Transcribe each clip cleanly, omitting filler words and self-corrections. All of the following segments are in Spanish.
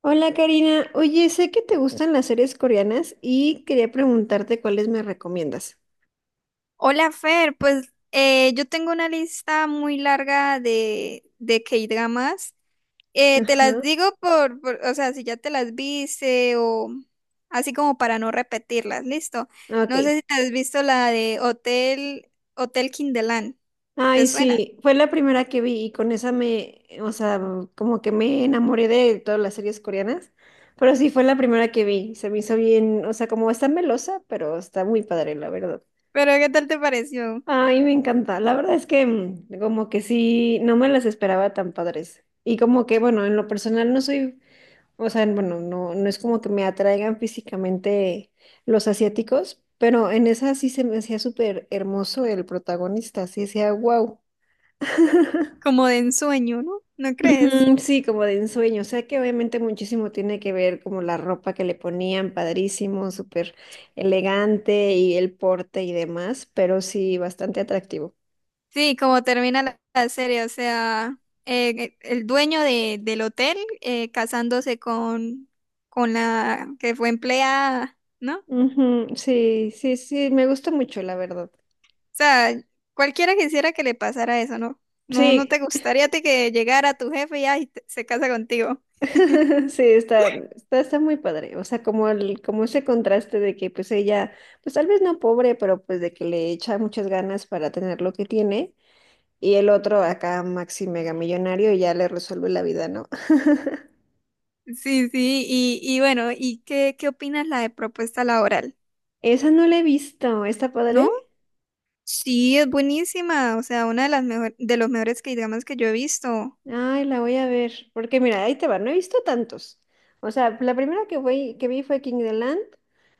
Hola Karina, oye, sé que te gustan las series coreanas y quería preguntarte cuáles me recomiendas. Hola Fer, pues yo tengo una lista muy larga de K-dramas. Te las Ajá. digo o sea, si ya te las viste o así como para no repetirlas, listo. No sé Ok. si te has visto la de Hotel, Hotel Kinderland, ¿te Ay, suena? sí, fue la primera que vi y con esa me, o sea, como que me enamoré de todas las series coreanas, pero sí fue la primera que vi, se me hizo bien, o sea, como está melosa, pero está muy padre, la verdad. Pero ¿qué tal te pareció? Ay, me encanta, la verdad es que como que sí, no me las esperaba tan padres. Y como que, bueno, en lo personal no soy. O sea, bueno, no, no es como que me atraigan físicamente los asiáticos, pero en esa sí se me hacía súper hermoso el protagonista, sí decía, wow. Como de ensueño, ¿no? ¿No crees? Ujú. Sí, como de ensueño. O sea que obviamente muchísimo tiene que ver como la ropa que le ponían, padrísimo, súper elegante y el porte y demás, pero sí, bastante atractivo. Sí, como termina la serie, o sea, el dueño del hotel casándose con la que fue empleada, ¿no? O Ujú. Sí, sí, sí, me gusta mucho, la verdad. sea, cualquiera quisiera que le pasara eso, ¿no? No, no Sí. te gustaría a ti que llegara tu jefe y ay, se casa contigo. Sí, está muy padre. O sea, como ese contraste de que pues ella, pues tal vez no pobre, pero pues de que le echa muchas ganas para tener lo que tiene. Y el otro acá, maxi mega millonario, ya le resuelve la vida, ¿no? Sí, sí, y bueno, ¿y qué, qué opinas la de propuesta laboral? Esa no la he visto. ¿Está ¿No? padre? Sí, es buenísima, o sea, una de las mejor, de los mejores que digamos que yo he visto. Ay, la voy a ver. Porque mira, ahí te va. No he visto tantos. O sea, la primera que vi fue King the Land.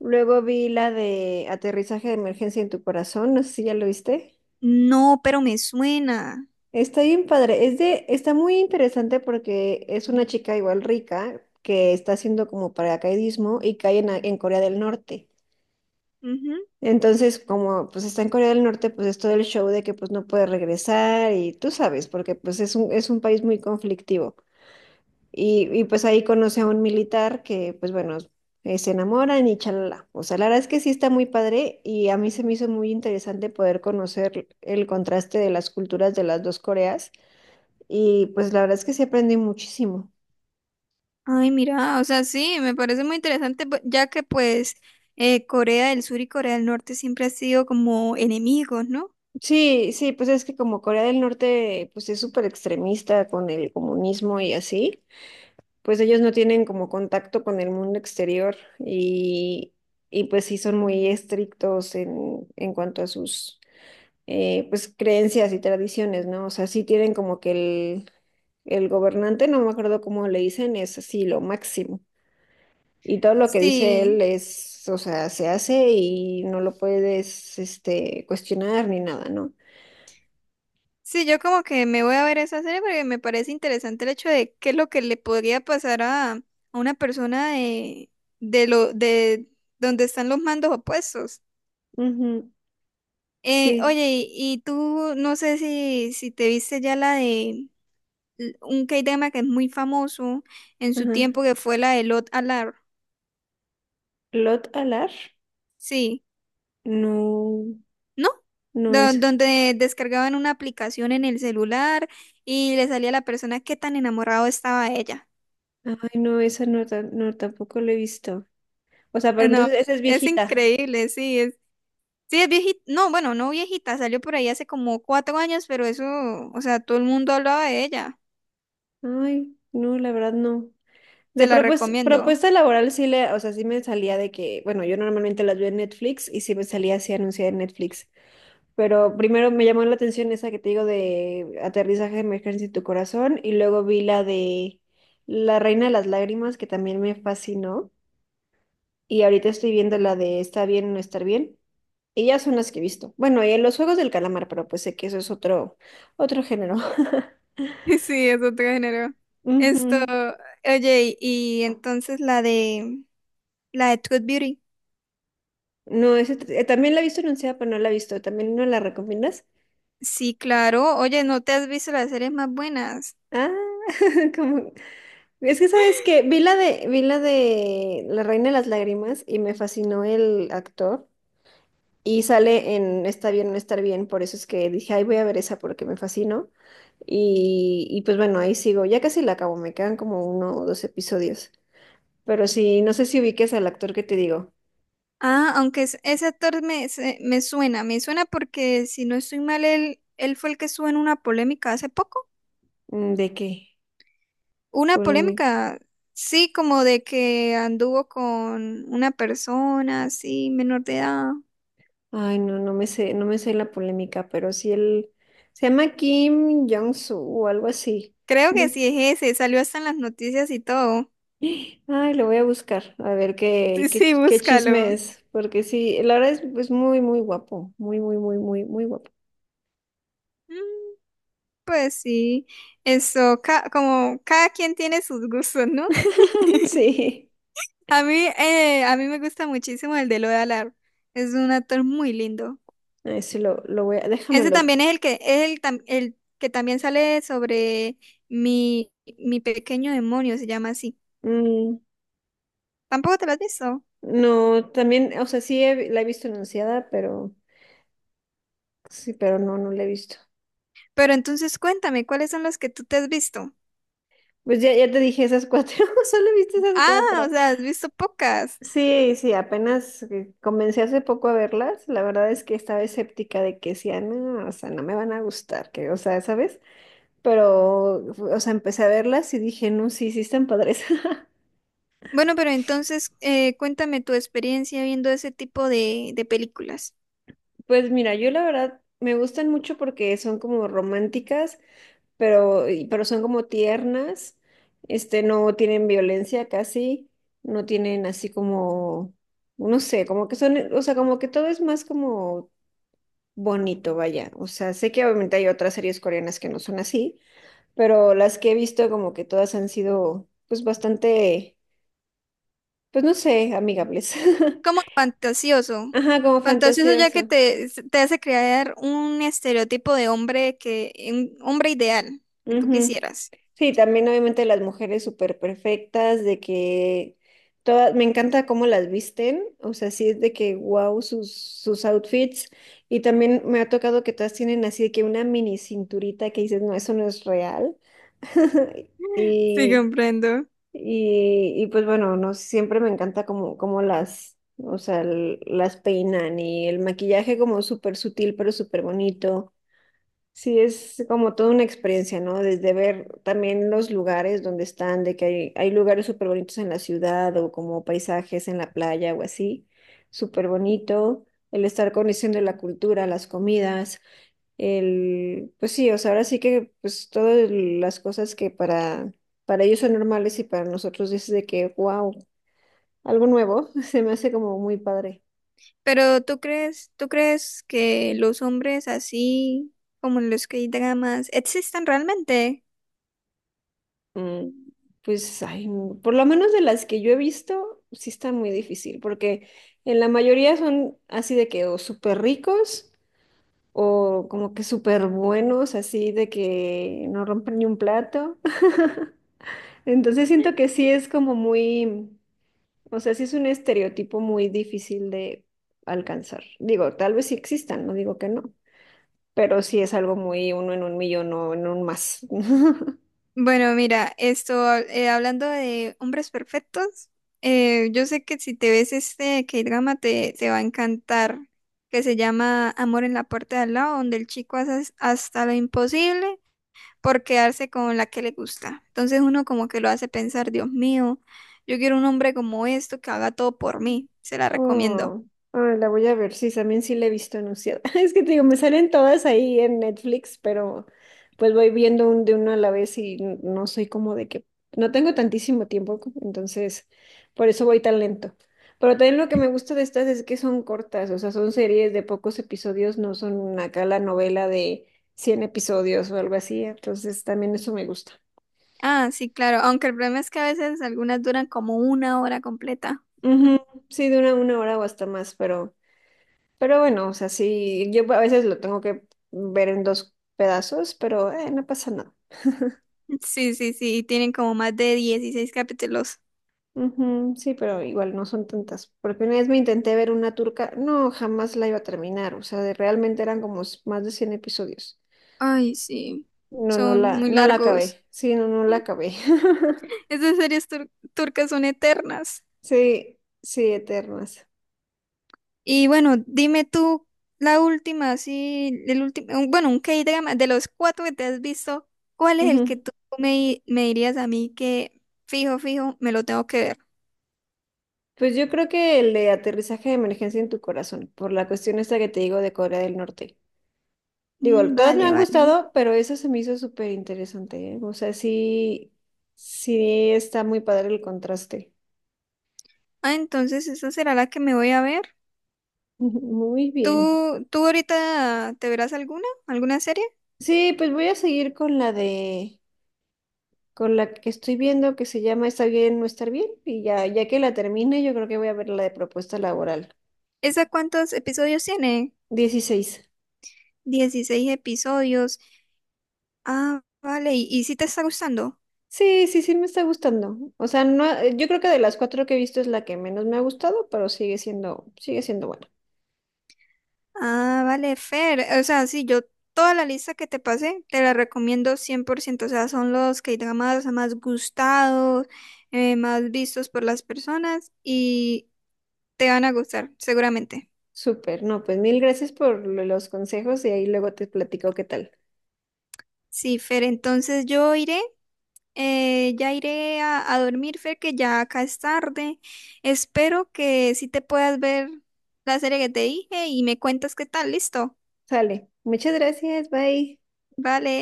Luego vi la de Aterrizaje de Emergencia en tu Corazón. No sé si ya lo viste. No, pero me suena. Está bien padre. Está muy interesante porque es una chica igual rica que está haciendo como paracaidismo y cae en Corea del Norte. Ujú. Entonces, como pues está en Corea del Norte, pues es todo el show de que pues no puede regresar y tú sabes, porque pues es un país muy conflictivo. Y pues ahí conoce a un militar que pues bueno, se enamoran y chalala. O sea, la verdad es que sí está muy padre y a mí se me hizo muy interesante poder conocer el contraste de las culturas de las dos Coreas y pues la verdad es que sí aprendí muchísimo. Ay, mira, o sea, sí, me parece muy interesante, ya que pues Corea del Sur y Corea del Norte siempre han sido como enemigos, ¿no? Sí, sí, pues es que como Corea del Norte pues es súper extremista con el comunismo y así, pues ellos no tienen como contacto con el mundo exterior y, y pues sí son muy estrictos en cuanto a sus pues creencias y tradiciones, ¿no? O sea, sí tienen como que el gobernante, no me acuerdo cómo le dicen, es así lo máximo. Y todo lo que dice Sí, él es, o sea, se hace y no lo puedes, cuestionar ni nada, ¿no? sí, yo como que me voy a ver esa serie porque me parece interesante el hecho de qué es lo que le podría pasar a una persona de donde están los mandos opuestos. Ujú. Sí, Oye, y tú no sé si, si te viste ya la de un K-drama que es muy famoso en su ajá. tiempo que fue la de Lot Alar. Lot Alar, Sí. no, No, no es, donde descargaban una aplicación en el celular y le salía a la persona qué tan enamorado estaba de ella. ay, no, esa no, no, tampoco lo he visto. O sea, pero No, entonces esa es es viejita. increíble, sí, es viejita, no, bueno, no viejita, salió por ahí hace como 4 años, pero eso, o sea, todo el mundo hablaba de ella, Ay, no, la verdad no. te De la recomiendo. propuesta laboral sí o sea, sí me salía de que, bueno, yo normalmente las veo en Netflix y sí me salía así anunciada en Netflix. Pero primero me llamó la atención esa que te digo de aterrizaje de emergencia en tu corazón y luego vi la de La Reina de las Lágrimas que también me fascinó y ahorita estoy viendo la de Está bien o no estar bien y ya son las que he visto. Bueno, y los Juegos del Calamar, pero pues sé que eso es otro género. Sí, es otro género. Ujú. Esto, oye, y entonces la de Truth Beauty. No, ese también la he visto anunciada, pero no la he visto. ¿También no la recomiendas? Sí, claro, oye, ¿no te has visto las series más buenas? Ah. como Es que sabes que vi la de La Reina de las Lágrimas y me fascinó el actor. Y sale en Está bien, no estar bien. Por eso es que dije, ay, voy a ver esa porque me fascinó. Y pues bueno, ahí sigo. Ya casi la acabo, me quedan como uno o dos episodios. Pero sí, no sé si ubiques al actor que te digo. Ah, aunque ese actor me, me suena porque si no estoy mal, él fue el que estuvo en una polémica hace poco. Mm. ¿De qué? Una Polémica. polémica, sí, como de que anduvo con una persona así, menor de edad. Ay, no, no me sé la polémica, pero sí él se llama Kim Jong-soo o algo así. Creo que sí es ese, salió hasta en las noticias y todo. Ay, lo voy a buscar, a ver qué, Sí, qué, sí, qué búscalo. chisme es, porque sí, la verdad es muy, muy guapo, muy, muy, muy, muy, muy guapo. Mm, pues sí, eso, como cada quien tiene sus gustos, ¿no? Sí. A mí me gusta muchísimo el de Lola Lar. Es un actor muy lindo. Ay, sí, lo Ese déjamelo. también es el que es el, el que también sale sobre mi, mi pequeño demonio, se llama así. Mm. Tampoco te lo has visto. No, también, o sea, sí la he visto anunciada, pero sí, pero no, no la he visto. Pero entonces cuéntame, ¿cuáles son los que tú te has visto? Pues ya, ya te dije esas cuatro, solo he visto esas Ah, o cuatro. sea, has visto pocas. Sí, sí, apenas comencé hace poco a verlas, la verdad es que estaba escéptica de que sí, ah, no, o sea, no me van a gustar, que, o sea, ¿sabes? Pero, o sea, empecé a verlas y dije, no, sí, sí están padres. Bueno, pero entonces cuéntame tu experiencia viendo ese tipo de películas. Pues mira, yo la verdad me gustan mucho porque son como románticas, pero son como tiernas, no tienen violencia casi, no tienen así como, no sé, como que son, o sea, como que todo es más como bonito, vaya. O sea, sé que obviamente hay otras series coreanas que no son así, pero las que he visto como que todas han sido, pues bastante, pues no sé, amigables. Como fantasioso. Ajá, como Fantasioso ya que fantasioso. te hace crear un estereotipo de hombre que, un hombre ideal que tú Ujú. quisieras. Sí, también obviamente las mujeres súper perfectas, de que todas, me encanta cómo las visten, o sea, sí es de que wow sus outfits, y también me ha tocado que todas tienen así de que una mini cinturita que dices, no, eso no es real. Sí, Y, comprendo. y pues bueno, no, siempre me encanta como las, o sea, las peinan y el maquillaje como súper sutil, pero súper bonito. Sí, es como toda una experiencia, ¿no? Desde ver también los lugares donde están, de que hay lugares súper bonitos en la ciudad o como paisajes en la playa o así, súper bonito, el estar conociendo la cultura, las comidas, el, pues sí, o sea, ahora sí que pues todas las cosas que para ellos son normales y para nosotros es de que, wow, algo nuevo, se me hace como muy padre. Pero tú crees que los hombres así como los que hay dramas existen realmente? Mm, Pues, ay, por lo menos de las que yo he visto, sí está muy difícil, porque en la mayoría son así de que o súper ricos o como que súper buenos, así de que no rompen ni un plato. Entonces siento que sí es como muy, o sea, sí es un estereotipo muy difícil de alcanzar. Digo, tal vez sí existan, no digo que no, pero sí es algo muy uno en un millón o en un más. Bueno, mira, esto hablando de hombres perfectos, yo sé que si te ves este K-drama te, te va a encantar, que se llama Amor en la puerta de al lado, donde el chico hace hasta lo imposible por quedarse con la que le gusta. Entonces uno como que lo hace pensar, Dios mío, yo quiero un hombre como esto que haga todo por mí, se la recomiendo. Oh, ah, la voy a ver, sí, también sí la he visto anunciada. Es que te digo, me salen todas ahí en Netflix, pero pues voy viendo de uno a la vez y no soy como de que, no tengo tantísimo tiempo, entonces por eso voy tan lento. Pero también lo que me gusta de estas es que son cortas, o sea, son series de pocos episodios, no son acá la novela de 100 episodios o algo así, entonces también eso me gusta. Ah, sí, claro, aunque el problema es que a veces algunas duran como una hora completa. Ujú. Sí, de una hora o hasta más, pero... Pero bueno, o sea, sí, yo a veces lo tengo que ver en dos pedazos, pero no pasa nada. Sí, sí, sí, tienen como más de 16 capítulos. Ujú, sí, pero igual no son tantas. Porque una vez me intenté ver una turca, no, jamás la iba a terminar. O sea, realmente eran como más de 100 episodios. Ay, sí, No, no son la, muy no la largos. acabé. Sí, no, no la acabé. Esas series turcas son eternas. Sí, sí, eternas. Y bueno, dime tú la última, así, el último, bueno, un K-drama, de los cuatro que te has visto, ¿cuál es el que Ujú. tú me, me dirías a mí que fijo, fijo, me lo tengo que ver? Pues yo creo que el de aterrizaje de emergencia en tu corazón, por la cuestión esta que te digo de Corea del Norte. Digo, Mm, todas me vale, han vale. gustado, pero esa se me hizo súper interesante, ¿eh? O sea, sí, sí está muy padre el contraste. Ah, entonces esa será la que me voy a ver. Muy bien. ¿Tú, tú ahorita te verás alguna, alguna serie? Sí, pues voy a seguir con la que estoy viendo que se llama Está bien no estar bien. Y ya, ya que la termine, yo creo que voy a ver la de propuesta laboral. ¿Esa cuántos episodios tiene? 16. 16 episodios. Ah, vale, y si te está gustando. Sí, sí, sí me está gustando. O sea, no, yo creo que de las cuatro que he visto es la que menos me ha gustado, pero sigue siendo buena. Ah, vale, Fer. O sea, sí, yo toda la lista que te pasé te la recomiendo 100%. O sea, son los K-dramas más gustados, más vistos por las personas y te van a gustar, seguramente. Súper, no, pues mil gracias por los consejos y ahí luego te platico qué tal. Sí, Fer, entonces yo iré, ya iré a dormir, Fer, que ya acá es tarde. Espero que sí te puedas ver la serie que te dije y me cuentas qué tal, listo. Sale, muchas gracias, bye. Vale.